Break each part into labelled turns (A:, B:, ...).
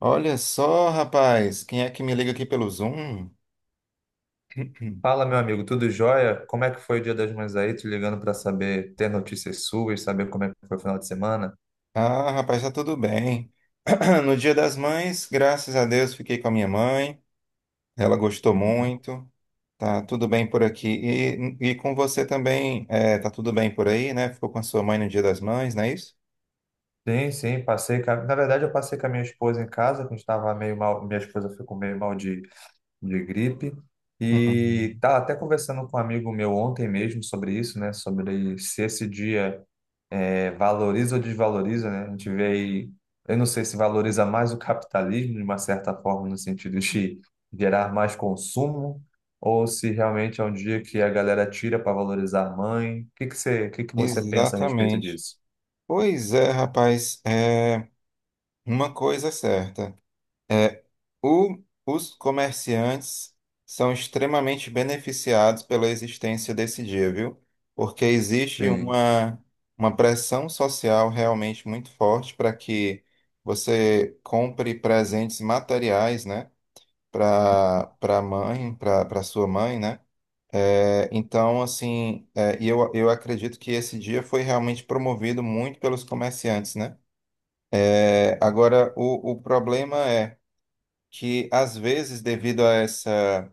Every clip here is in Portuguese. A: Olha só, rapaz, quem é que me liga aqui pelo Zoom?
B: Fala, meu amigo, tudo jóia? Como é que foi o Dia das Mães aí? Te ligando para saber, ter notícias suas, saber como é que foi o final de semana?
A: Ah, rapaz, tá tudo bem. No Dia das Mães, graças a Deus, fiquei com a minha mãe. Ela gostou
B: Uhum.
A: muito. Tá tudo bem por aqui. E com você também, tá tudo bem por aí, né? Ficou com a sua mãe no Dia das Mães, não é isso?
B: Sim, sim, passei. Na verdade, eu passei com a minha esposa em casa, que a gente estava meio mal. Minha esposa ficou meio mal de gripe. E
A: Uhum.
B: tá. Até conversando com um amigo meu ontem mesmo sobre isso, né? Sobre se esse dia valoriza ou desvaloriza, né? A gente vê aí, eu não sei se valoriza mais o capitalismo, de uma certa forma, no sentido de gerar mais consumo, ou se realmente é um dia que a galera tira para valorizar a mãe. O que que você pensa a respeito
A: Exatamente.
B: disso?
A: Pois é, rapaz, uma coisa é certa. é, O- os comerciantes são extremamente beneficiados pela existência desse dia, viu? Porque
B: Sim,
A: uma pressão social realmente muito forte para que você compre presentes materiais, né? Para a mãe, para sua mãe, né? É, então, assim, é, e eu acredito que esse dia foi realmente promovido muito pelos comerciantes, né? É, agora, o problema é que, às vezes, devido a essa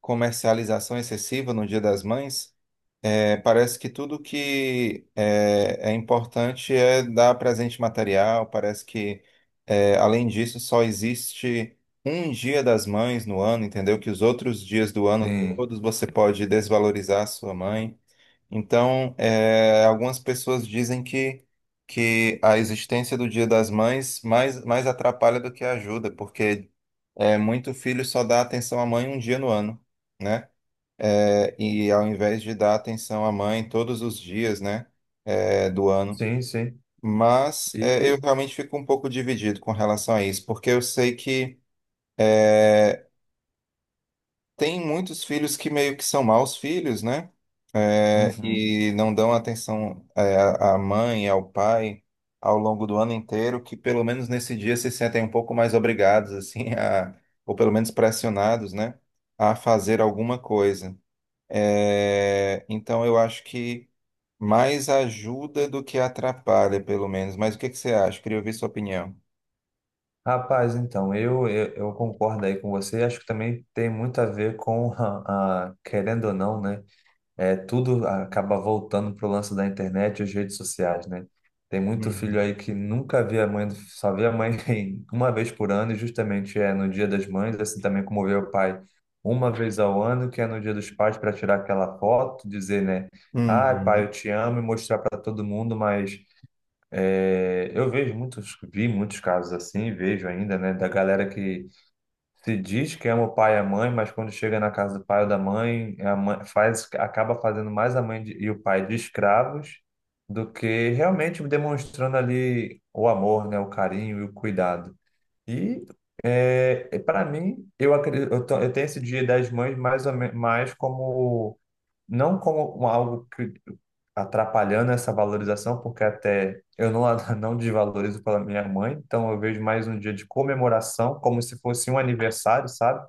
A: comercialização excessiva no Dia das Mães, é, parece que tudo que é importante é dar presente material. Parece que, é, além disso, só existe um Dia das Mães no ano, entendeu? Que os outros dias do ano
B: sim,
A: todos você pode desvalorizar a sua mãe. Então, é, algumas pessoas dizem que a existência do Dia das Mães mais atrapalha do que ajuda, porque, é, muito filho só dá atenção à mãe um dia no ano, né? É, e ao invés de dar atenção à mãe todos os dias, né, é, do ano.
B: sim, sim.
A: Mas é, eu
B: E,
A: realmente fico um pouco dividido com relação a isso, porque eu sei que é, tem muitos filhos que meio que são maus filhos, né? É,
B: uhum.
A: e não dão atenção, é, à mãe, ao pai, ao longo do ano inteiro, que pelo menos nesse dia se sentem um pouco mais obrigados, assim, a, ou pelo menos pressionados, né, a fazer alguma coisa. É, então eu acho que mais ajuda do que atrapalha, pelo menos. Mas o que que você acha? Queria ouvir sua opinião.
B: Rapaz, então, eu concordo aí com você. Acho que também tem muito a ver querendo ou não, né? Tudo acaba voltando pro lance da internet e as redes sociais, né? Tem muito filho
A: Uhum.
B: aí que nunca vê a mãe, só vê a mãe uma vez por ano, e justamente é no Dia das Mães, assim também como vê o pai uma vez ao ano, que é no Dia dos Pais, para tirar aquela foto, dizer, né? Ah, pai,
A: Uhum.
B: eu te amo e mostrar para todo mundo, mas eu vejo muitos, vi muitos casos assim, vejo ainda, né? Da galera que se diz que ama o pai e a mãe, mas quando chega na casa do pai ou da mãe, a mãe faz, acaba fazendo mais a mãe e o pai de escravos do que realmente demonstrando ali o amor, né, o carinho e o cuidado. E para mim, acredito, eu tenho esse Dia das Mães mais como não como algo que atrapalhando essa valorização, porque até eu não, a- não desvalorizo pela minha mãe, então eu vejo mais um dia de comemoração, como se fosse um aniversário, sabe?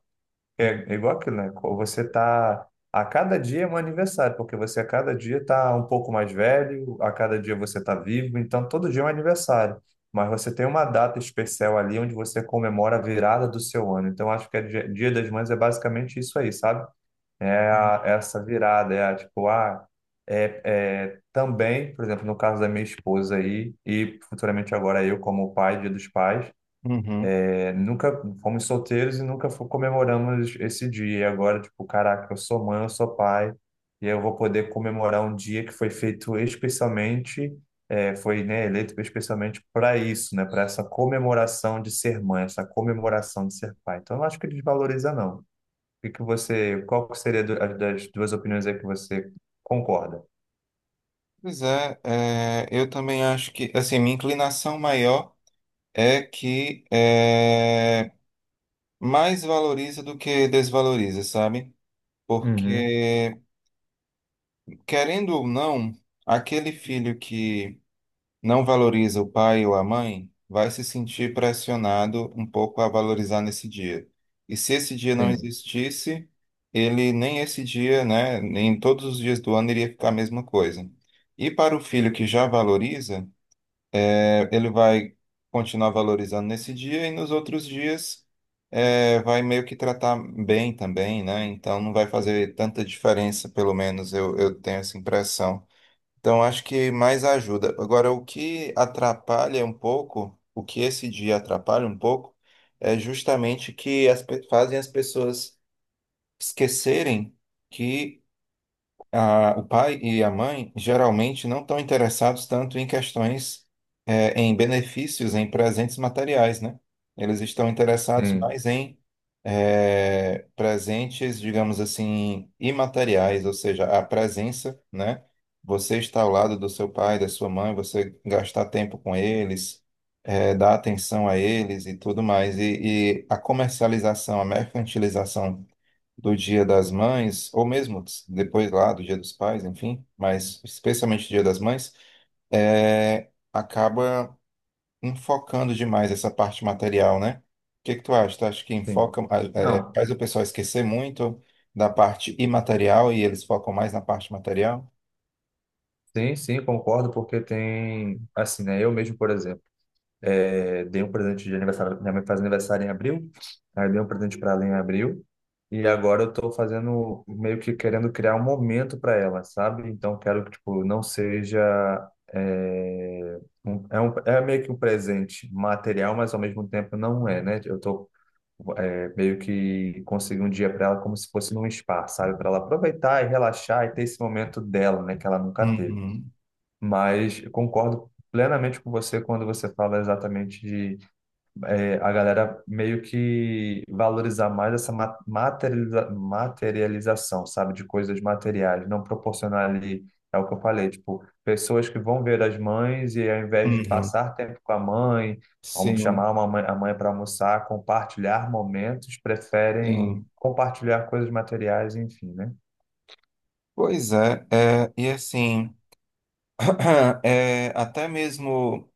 B: É igual aquilo, né? Você tá a cada dia é um aniversário, porque você a cada dia tá um pouco mais velho, a cada dia você tá vivo, então todo dia é um aniversário. Mas você tem uma data especial ali onde você comemora a virada do seu ano. Então, acho que a Dia das Mães é basicamente isso aí, sabe? Essa virada, tipo, ah, é também, por exemplo, no caso da minha esposa aí, e futuramente agora eu como pai, Dia dos Pais,
A: Uhum.
B: nunca fomos solteiros e nunca comemoramos esse dia. E agora, tipo, caraca, eu sou mãe, eu sou pai, e eu vou poder comemorar um dia que foi feito especialmente, foi, né, eleito especialmente para isso, né, para essa comemoração de ser mãe, essa comemoração de ser pai. Então, eu não acho que desvaloriza, não. Qual que seria das duas opiniões aí que você concorda?
A: Pois é, é, eu também acho que, assim, minha inclinação maior é que é, mais valoriza do que desvaloriza, sabe?
B: Uhum.
A: Porque, querendo ou não, aquele filho que não valoriza o pai ou a mãe vai se sentir pressionado um pouco a valorizar nesse dia. E se esse dia não
B: Sim,
A: existisse, ele nem esse dia, né, nem todos os dias do ano, iria ficar a mesma coisa. E para o filho que já valoriza, ele vai continuar valorizando nesse dia e nos outros dias, é, vai meio que tratar bem também, né? Então não vai fazer tanta diferença, pelo menos eu tenho essa impressão. Então acho que mais ajuda. Agora, o que atrapalha um pouco, o que esse dia atrapalha um pouco, é justamente que fazem as pessoas esquecerem que o pai e a mãe geralmente não estão interessados tanto em questões, em benefícios, em presentes materiais, né? Eles estão interessados
B: sim,
A: mais em, presentes, digamos assim, imateriais, ou seja, a presença, né? Você estar ao lado do seu pai, da sua mãe, você gastar tempo com eles, dar atenção a eles e tudo mais. E a comercialização, a mercantilização do Dia das Mães, ou mesmo depois lá do Dia dos Pais, enfim, mas especialmente o Dia das Mães, é, acaba enfocando demais essa parte material, né? O que que tu acha? Tu acha que
B: sim.
A: enfoca, é,
B: Não,
A: faz o pessoal esquecer muito da parte imaterial e eles focam mais na parte material?
B: sim, sim, concordo, porque tem, assim, né? Eu mesmo, por exemplo, dei um presente de aniversário, minha mãe faz aniversário em abril, aí eu dei um presente para ela em abril, e agora eu tô fazendo, meio que querendo criar um momento para ela, sabe? Então, quero que, tipo, não seja. É meio que um presente material, mas ao mesmo tempo não é, né? Eu tô meio que conseguir um dia para ela como se fosse num spa, sabe? Para ela aproveitar e relaxar e ter esse momento dela, né, que ela nunca teve.
A: Uhum,
B: Mas eu concordo plenamente com você quando você fala exatamente a galera meio que valorizar mais essa materialização, sabe, de coisas materiais, não proporcionar ali, é o que eu falei, tipo, pessoas que vão ver as mães e ao invés de
A: uhum.
B: passar tempo com a mãe,
A: Sim,
B: chamar uma mãe, a mãe para almoçar, compartilhar momentos, preferem
A: sim.
B: compartilhar coisas materiais, enfim, né?
A: Pois é, é, e assim, é, até mesmo.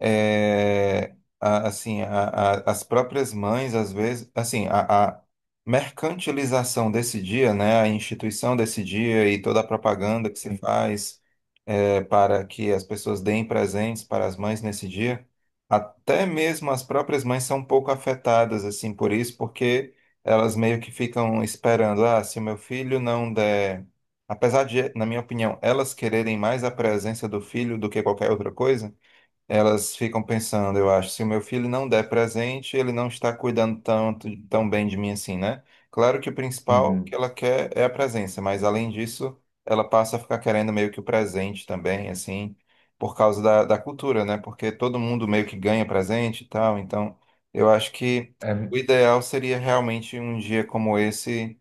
A: É, assim, as próprias mães, às vezes, assim, a mercantilização desse dia, né, a instituição desse dia e toda a propaganda que se
B: Sim.
A: faz, é, para que as pessoas deem presentes para as mães nesse dia, até mesmo as próprias mães são um pouco afetadas, assim, por isso, porque elas meio que ficam esperando, ah, se o meu filho não der... Apesar de, na minha opinião, elas quererem mais a presença do filho do que qualquer outra coisa, elas ficam pensando, eu acho, se o meu filho não der presente, ele não está cuidando tanto, tão bem de mim assim, né? Claro que o principal que
B: Uhum.
A: ela quer é a presença, mas além disso, ela passa a ficar querendo meio que o presente também, assim, por causa da cultura, né? Porque todo mundo meio que ganha presente e tal, então eu acho que
B: É,
A: o ideal seria realmente um dia como esse,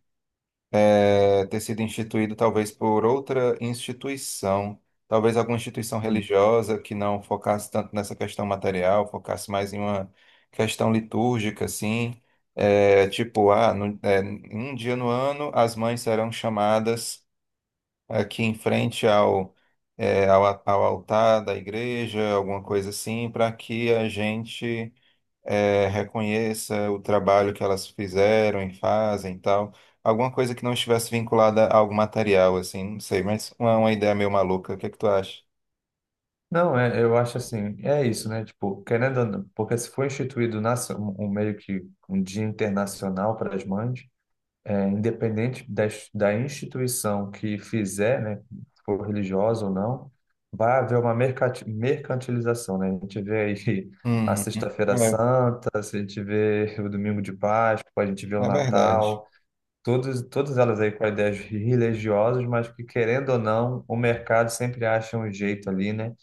A: é, ter sido instituído talvez por outra instituição, talvez alguma instituição
B: uhum.
A: religiosa que não focasse tanto nessa questão material, focasse mais em uma questão litúrgica, assim, é, tipo, ah, é, um dia no ano as mães serão chamadas aqui em frente ao, é, ao altar da igreja, alguma coisa assim, para que a gente, é, reconheça o trabalho que elas fizeram e fazem e tal. Alguma coisa que não estivesse vinculada a algo material, assim, não sei, mas é uma ideia meio maluca. O que é que tu acha?
B: Não, eu acho assim, é isso, né? Tipo, querendo ou não, porque se foi instituído um meio que um dia internacional para as mães, independente da instituição que fizer, né, se for religiosa ou não, vai haver uma mercantilização, né? A gente vê aí a
A: Uhum.
B: Sexta-feira
A: É,
B: Santa, a gente vê o Domingo de Páscoa, a gente vê o
A: é verdade.
B: Natal. Todas elas aí com ideias religiosas, mas que, querendo ou não, o mercado sempre acha um jeito ali, né,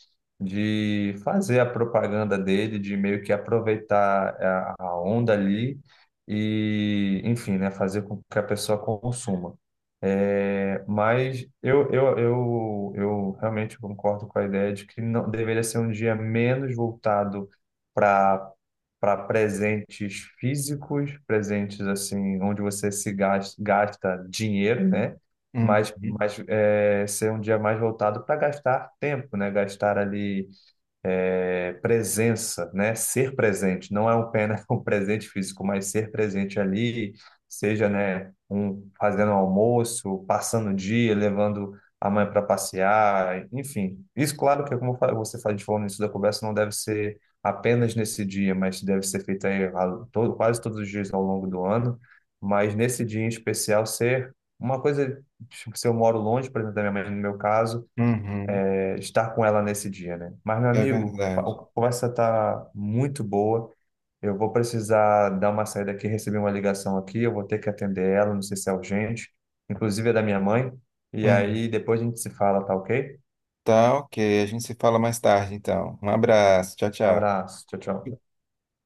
B: de fazer a propaganda dele, de meio que aproveitar a onda ali e, enfim, né, fazer com que a pessoa consuma. Mas eu realmente concordo com a ideia de que não deveria ser um dia menos voltado para para presentes físicos, presentes assim, onde você se gasta, gasta dinheiro, né?
A: Uhum.
B: Ser um dia mais voltado para gastar tempo, né? Gastar ali presença, né? Ser presente, não é um pena um presente físico, mas ser presente ali, seja, né, um fazendo almoço, passando o dia, levando a mãe para passear, enfim. Isso, claro que como eu falei- você faz de forma início da conversa, não deve ser apenas nesse dia, mas deve ser feito aí todo, quase todos os dias ao longo do ano, mas nesse dia em especial ser uma coisa, tipo, se eu moro longe, por exemplo, da minha mãe, no meu caso,
A: Uhum.
B: estar com ela nesse dia, né? Mas, meu
A: É
B: amigo, a
A: verdade.
B: conversa tá muito boa. Eu vou precisar dar uma saída aqui, receber uma ligação aqui, eu vou ter que atender ela, não sei se é urgente, inclusive é da minha mãe. E
A: Uhum.
B: aí depois a gente se fala, tá ok?
A: Tá, ok. A gente se fala mais tarde, então. Um abraço. Tchau,
B: Um
A: tchau.
B: abraço, tchau, tchau.